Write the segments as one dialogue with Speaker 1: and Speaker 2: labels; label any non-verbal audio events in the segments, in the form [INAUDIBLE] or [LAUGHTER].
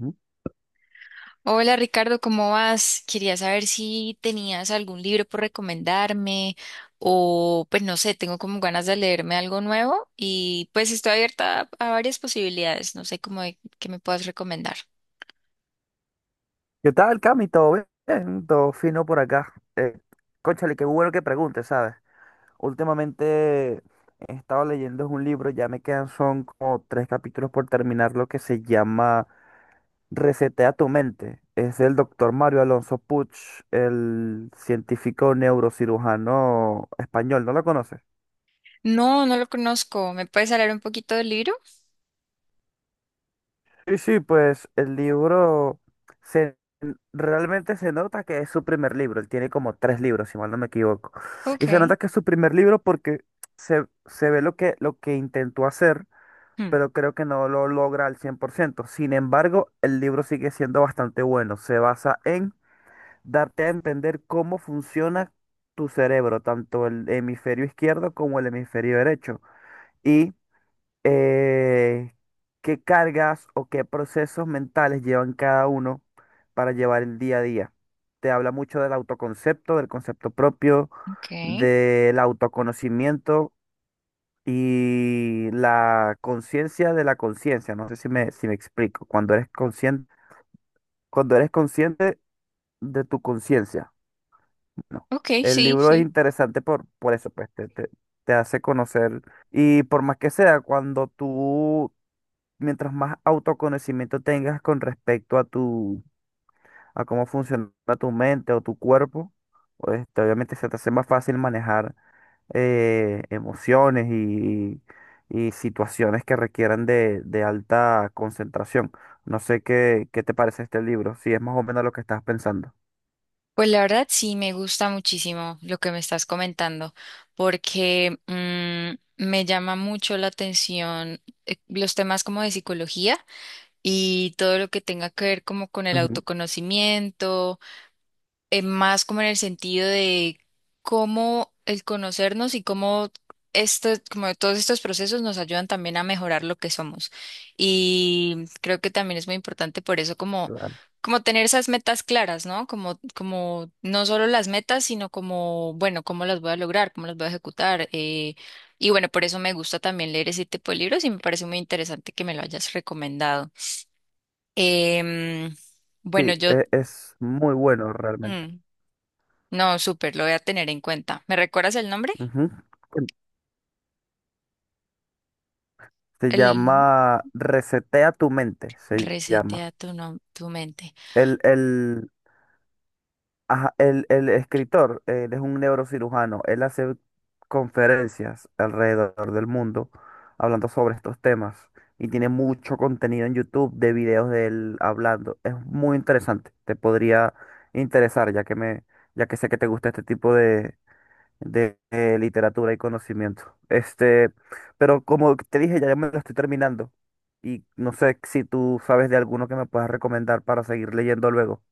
Speaker 1: Ujú.
Speaker 2: Hola Ricardo, ¿cómo vas? Quería saber si tenías algún libro por recomendarme o pues no sé, tengo como ganas de leerme algo nuevo y pues estoy abierta a varias posibilidades, no sé cómo qué me puedas recomendar.
Speaker 1: ¿Qué tal, Cami? ¿Todo bien? Todo fino por acá. Cónchale, qué bueno que preguntes, ¿sabes? Últimamente he estado leyendo un libro, ya me quedan, son como tres capítulos por terminar, lo que se llama Resetea tu mente. Es del doctor Mario Alonso Puig, el científico neurocirujano español, ¿no lo conoces?
Speaker 2: No, no lo conozco, ¿me puedes hablar un poquito del libro?
Speaker 1: Sí, sí, pues el se, realmente se nota que es su primer libro. Él tiene como tres libros, si mal no me equivoco. Y se
Speaker 2: Ok.
Speaker 1: nota que es su primer libro porque se ve lo que intentó hacer,
Speaker 2: Hmm.
Speaker 1: pero creo que no lo logra al cien por ciento. Sin embargo, el libro sigue siendo bastante bueno. Se basa en darte a entender cómo funciona tu cerebro, tanto el hemisferio izquierdo como el hemisferio derecho. Y eh, qué cargas o qué procesos mentales llevan cada uno para llevar el día a día. Te habla mucho del autoconcepto, del concepto propio,
Speaker 2: Ok,
Speaker 1: del autoconocimiento y la conciencia de la conciencia. No sé si me explico. Cuando eres consciente de tu conciencia. No.
Speaker 2: ok,
Speaker 1: El
Speaker 2: sí,
Speaker 1: libro es
Speaker 2: sí.
Speaker 1: interesante por eso, pues te hace conocer. Y por más que sea, cuando tú mientras más autoconocimiento tengas con respecto a a cómo funciona tu mente o tu cuerpo, pues, este, obviamente se te hace más fácil manejar emociones y situaciones que requieran de alta concentración. No sé qué te parece este libro, si es más o menos lo que estás pensando.
Speaker 2: Pues la verdad sí me gusta muchísimo lo que me estás comentando porque me llama mucho la atención los temas como de psicología. Y todo lo que tenga que ver como con el
Speaker 1: Ujú,
Speaker 2: autoconocimiento, más como en el sentido de cómo el conocernos y cómo como todos estos procesos nos ayudan también a mejorar lo que somos. Y creo que también es muy importante por eso como,
Speaker 1: claro.
Speaker 2: como tener esas metas claras, ¿no? Como, como no solo las metas, sino como, bueno, cómo las voy a lograr, cómo las voy a ejecutar. Y bueno, por eso me gusta también leer ese tipo de libros y me parece muy interesante que me lo hayas recomendado. Em, bueno,
Speaker 1: Sí,
Speaker 2: yo...
Speaker 1: es muy bueno realmente.
Speaker 2: mm, no, súper, lo voy a tener en cuenta. ¿Me recuerdas el nombre?
Speaker 1: Ujú. Se
Speaker 2: El
Speaker 1: llama Resetea tu mente, se llama.
Speaker 2: Resetea tu, tu mente.
Speaker 1: El, el, Ajá, el escritor, él es un neurocirujano, él hace conferencias alrededor del mundo hablando sobre estos temas y tiene mucho contenido en YouTube de videos de él hablando. Es muy interesante, te podría interesar ya que ya que sé que te gusta este tipo de, literatura y conocimiento. Este, pero como te dije, ya me lo estoy terminando y no sé si tú sabes de alguno que me puedas recomendar para seguir leyendo luego.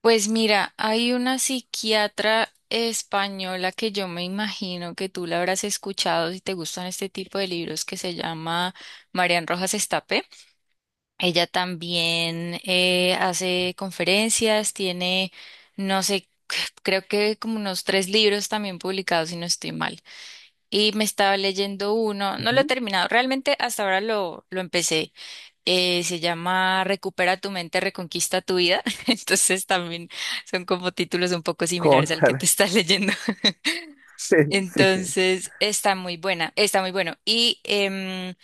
Speaker 2: Pues mira, hay una psiquiatra española que yo me imagino que tú la habrás escuchado si te gustan este tipo de libros que se llama Marian Rojas Estape. Ella también hace conferencias, tiene, no sé, creo que como unos 3 libros también publicados, si no estoy mal. Y me estaba leyendo uno, no lo he
Speaker 1: Ujú.
Speaker 2: terminado, realmente hasta ahora lo empecé. Se llama Recupera tu mente, reconquista tu vida. [LAUGHS] Entonces también son como títulos un poco
Speaker 1: [LAUGHS]
Speaker 2: similares al que te
Speaker 1: Cónchale.
Speaker 2: estás leyendo. [LAUGHS]
Speaker 1: [LAUGHS] Sí, sí, sí,
Speaker 2: Entonces está muy buena, está muy bueno. Y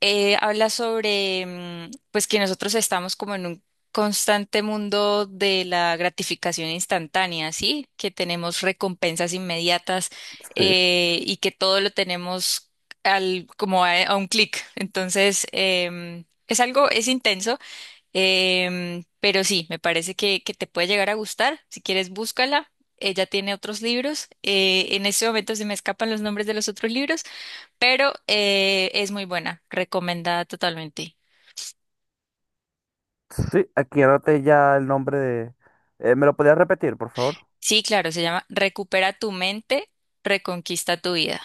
Speaker 2: habla sobre pues que nosotros estamos como en un constante mundo de la gratificación instantánea, ¿sí? Que tenemos recompensas inmediatas
Speaker 1: sí.
Speaker 2: y que todo lo tenemos al, como a un clic. Entonces, es algo, es intenso, pero sí, me parece que te puede llegar a gustar. Si quieres, búscala. Ella tiene otros libros. En este momento se me escapan los nombres de los otros libros, pero es muy buena, recomendada totalmente.
Speaker 1: Sí, aquí anoté ya el nombre de... ¿me lo podías repetir, por favor?
Speaker 2: Sí, claro, se llama Recupera tu mente, reconquista tu vida.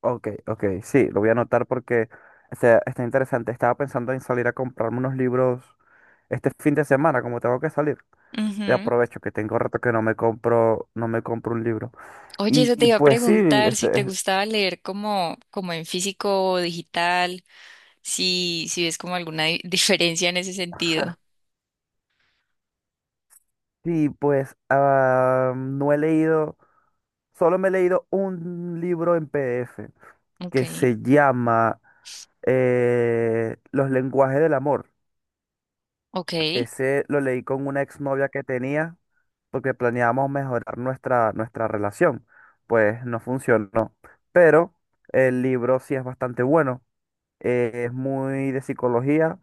Speaker 1: Ok, ok, sí, lo voy a anotar porque está interesante. Estaba pensando en salir a comprarme unos libros este fin de semana, como tengo que salir. Y
Speaker 2: Ujú.
Speaker 1: aprovecho que tengo rato que no me compro un libro.
Speaker 2: Oye,
Speaker 1: Y,
Speaker 2: eso te
Speaker 1: y
Speaker 2: iba a
Speaker 1: pues sí,
Speaker 2: preguntar si
Speaker 1: este,
Speaker 2: te
Speaker 1: es-
Speaker 2: gustaba leer como, como en físico o digital, si, si ves como alguna [LAUGHS] diferencia en ese sentido.
Speaker 1: sí, pues no he leído, solo me he leído un libro en PDF.
Speaker 2: Ok,
Speaker 1: Que se llama Los lenguajes del amor.
Speaker 2: ok.
Speaker 1: Ese lo leí con una exnovia que tenía porque planeábamos mejorar nuestra relación. Pues no funcionó. Pero el libro sí es bastante bueno. Es muy de psicología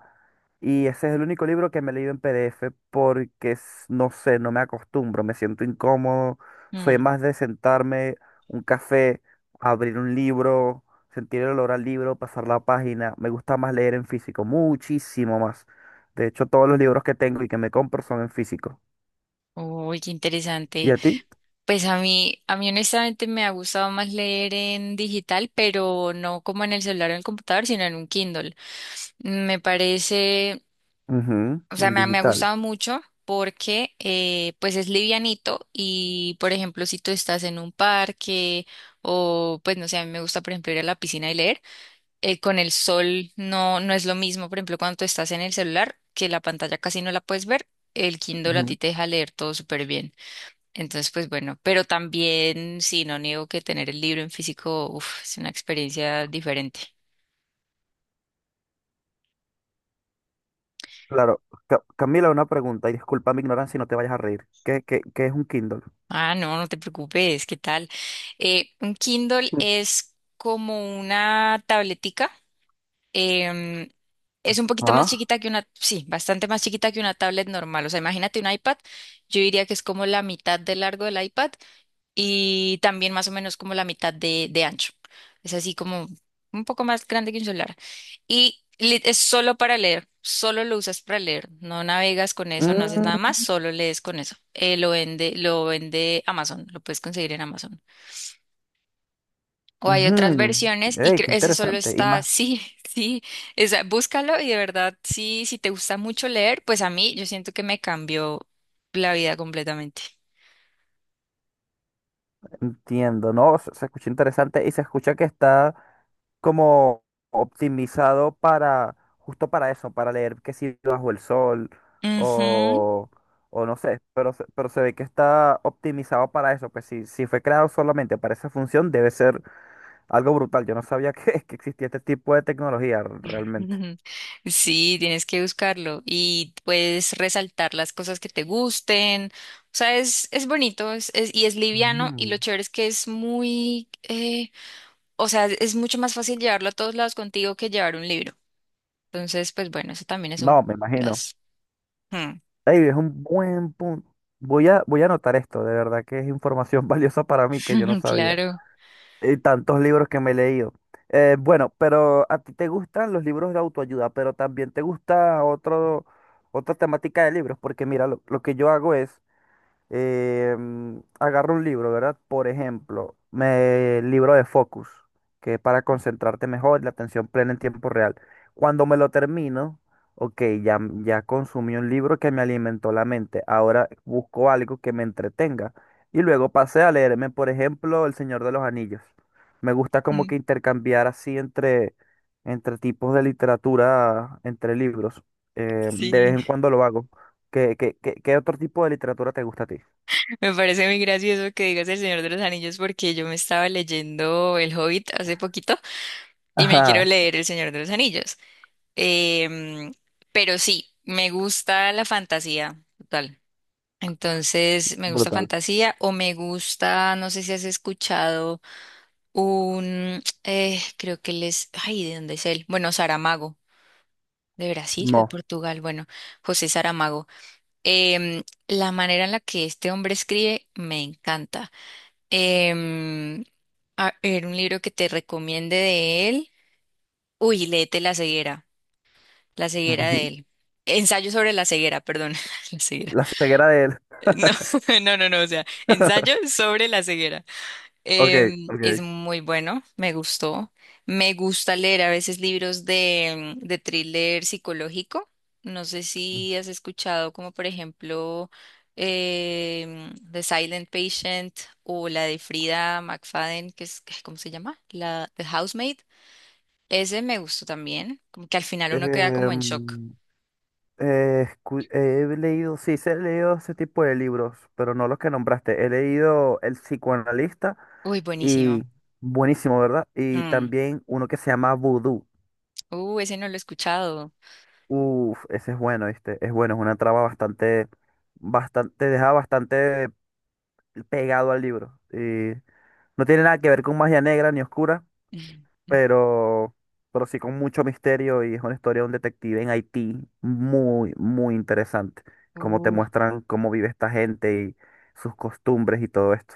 Speaker 1: y ese es el único libro que me he leído en PDF porque, no sé, no me acostumbro, me siento incómodo. Soy
Speaker 2: Mm.
Speaker 1: más de sentarme, un café, abrir un libro, sentir el olor al libro, pasar la página. Me gusta más leer en físico, muchísimo más. De hecho, todos los libros que tengo y que me compro son en físico.
Speaker 2: Uy, qué
Speaker 1: ¿Y
Speaker 2: interesante.
Speaker 1: a ti?
Speaker 2: Pues a mí honestamente me ha gustado más leer en digital, pero no como en el celular o en el computador, sino en un Kindle. Me parece,
Speaker 1: Ujú,
Speaker 2: o sea,
Speaker 1: en
Speaker 2: me ha
Speaker 1: digital.
Speaker 2: gustado mucho porque pues es livianito y, por ejemplo, si tú estás en un parque o, pues no sé, a mí me gusta, por ejemplo, ir a la piscina y leer, con el sol no, no es lo mismo, por ejemplo, cuando tú estás en el celular, que la pantalla casi no la puedes ver, el Kindle a ti
Speaker 1: Ujú.
Speaker 2: te deja leer todo súper bien. Entonces, pues bueno, pero también, sí, no niego que tener el libro en físico, uf, es una experiencia diferente.
Speaker 1: Claro. Camila, una pregunta, y disculpa mi ignorancia y no te vayas a reír. ¿Qué es un Kindle?
Speaker 2: Ah, no, no te preocupes, ¿qué tal? Un Kindle es como una tabletica. Em, es un poquito más chiquita que una, sí, bastante más chiquita que una tablet normal. O sea, imagínate un iPad, yo diría que es como la mitad de largo del iPad y también más o menos como la mitad de ancho. Es así como un poco más grande que un celular. Y es solo para leer, solo lo usas para leer, no navegas con eso, no haces
Speaker 1: Ah.
Speaker 2: nada más, solo lees con eso. Lo vende Amazon, lo puedes conseguir en Amazon. O hay otras
Speaker 1: Ujú.
Speaker 2: versiones y
Speaker 1: Ey, qué
Speaker 2: ese solo
Speaker 1: interesante. Y
Speaker 2: está,
Speaker 1: más,
Speaker 2: sí, [LAUGHS] sí, esa, búscalo y de verdad, sí, si te gusta mucho leer, pues a mí yo siento que me cambió la vida completamente.
Speaker 1: entiendo, ¿no? Se escucha interesante y se escucha que está como optimizado para, justo para eso, para leer que si bajo el sol
Speaker 2: Ujú.
Speaker 1: o, o no sé, pero, pero se ve que está optimizado para eso, pues si, si fue creado solamente para esa función, debe ser algo brutal. Yo no sabía [LAUGHS] que existía este tipo de tecnología realmente.
Speaker 2: [LAUGHS] Sí, tienes que buscarlo y puedes resaltar las cosas que te gusten. O sea, es bonito y es liviano y lo
Speaker 1: Ujú.
Speaker 2: chévere es que es muy, o sea, es mucho más fácil llevarlo a todos lados contigo que llevar un libro. Entonces, pues bueno, eso también es un
Speaker 1: No, me imagino.
Speaker 2: plus. Hmm.
Speaker 1: David, es un buen punto. Voy a anotar esto, de verdad que es información [LAUGHS] valiosa para mí que yo no
Speaker 2: [LAUGHS]
Speaker 1: sabía.
Speaker 2: Claro,
Speaker 1: Y tantos libros que me he leído. Bueno, pero a ti te gustan los libros de autoayuda, pero también te gusta otro, otra temática de libros, porque mira, lo que yo hago es, agarro un libro, ¿verdad? Por ejemplo, el libro de Focus, que es para concentrarte mejor, la atención plena en tiempo real. Cuando me lo termino, ok, ya, ya consumí un libro que me alimentó la mente. Ahora busco algo que me entretenga. Y luego pasé a leerme, por ejemplo, El Señor de los Anillos. Me gusta como
Speaker 2: mm,
Speaker 1: que intercambiar así entre, entre tipos de literatura, entre libros. De vez
Speaker 2: sí.
Speaker 1: en cuando lo hago. ¿Qué otro tipo de literatura te gusta a ti?
Speaker 2: Me parece muy gracioso que digas El Señor de los Anillos porque yo me estaba leyendo El Hobbit hace poquito y me quiero
Speaker 1: Ajá,
Speaker 2: leer El Señor de los Anillos. Em, pero sí, me gusta la fantasía, total. Entonces, me gusta
Speaker 1: brutal.
Speaker 2: fantasía o me gusta, no sé si has escuchado un, creo que él es, ay, ¿de dónde es él? Bueno, Saramago, de Brasil o de
Speaker 1: No.
Speaker 2: Portugal, bueno, José Saramago. Em, la manera en la que este hombre escribe me encanta. Em, a ver, un libro que te recomiende de él. Uy, léete La ceguera de
Speaker 1: Ujú.
Speaker 2: él. Ensayo sobre la ceguera, perdón, [LAUGHS] la ceguera.
Speaker 1: La ceguera de él.
Speaker 2: No, [LAUGHS] no, no, no, o sea, ensayo sobre la ceguera.
Speaker 1: Ok, ok.
Speaker 2: Es muy bueno, me gustó. Me gusta leer a veces libros de thriller psicológico. No sé si has escuchado como por ejemplo The Silent Patient o la de Frida McFadden, que es, ¿cómo se llama? La The Housemaid. Ese me gustó también, como que al final uno queda como en shock.
Speaker 1: Em, he leído, sí, sí he leído ese tipo de libros, pero no los que nombraste. He leído El psicoanalista
Speaker 2: Uy, buenísimo.
Speaker 1: y buenísimo, ¿verdad? Y
Speaker 2: Mm.
Speaker 1: también uno que se llama Voodoo.
Speaker 2: Ese no lo he escuchado.
Speaker 1: Uf, ese es bueno, ¿viste? Es bueno, es una trama bastante, bastante, te deja bastante pegado al libro. Y no tiene nada que ver con magia negra ni oscura,
Speaker 2: [LAUGHS]
Speaker 1: pero, pero sí con mucho misterio y es una historia de un detective en Haití muy, muy interesante, como te
Speaker 2: Ujú.
Speaker 1: muestran cómo vive esta gente y sus costumbres y todo esto.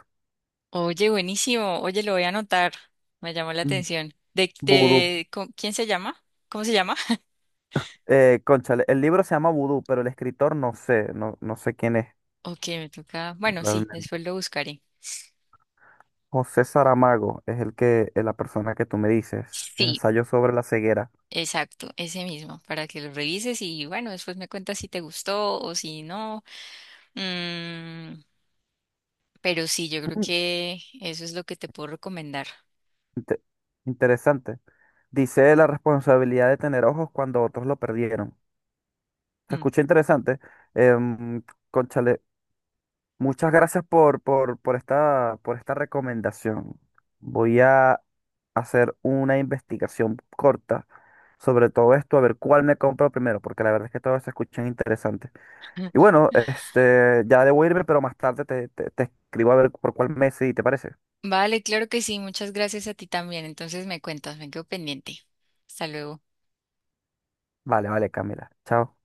Speaker 2: Oye, buenísimo. Oye, lo voy a anotar. Me llamó la
Speaker 1: Mm,
Speaker 2: atención. ¿De,
Speaker 1: Vudú,
Speaker 2: quién se llama? ¿Cómo se llama? [LAUGHS]
Speaker 1: cónchale, el libro se llama Vudú, pero el escritor no no sé quién es
Speaker 2: Ok, me toca. Bueno, sí, después
Speaker 1: realmente.
Speaker 2: lo buscaré.
Speaker 1: José Saramago es es la persona que tú me dices,
Speaker 2: Sí,
Speaker 1: ensayo sobre la ceguera.
Speaker 2: exacto, ese mismo, para que lo revises y bueno, después me cuentas si te gustó o si no. Mm, pero sí, yo creo
Speaker 1: Mm,
Speaker 2: que eso es lo que te puedo recomendar.
Speaker 1: inte- interesante. Dice la responsabilidad de tener ojos cuando otros lo perdieron. Se
Speaker 2: Mm.
Speaker 1: escucha interesante. Em, Cónchale, muchas gracias por esta recomendación. Voy a hacer una investigación corta sobre todo esto, a ver cuál me compro primero, porque la verdad es que todos se escuchan interesantes. Y
Speaker 2: [LAUGHS]
Speaker 1: bueno, este, ya debo irme, pero más tarde te escribo a ver por cuál mes, si te parece.
Speaker 2: Vale, claro que sí. Muchas gracias a ti también. Entonces me cuentas, me quedo pendiente. Hasta luego.
Speaker 1: Vale, vale, Camila. Chao.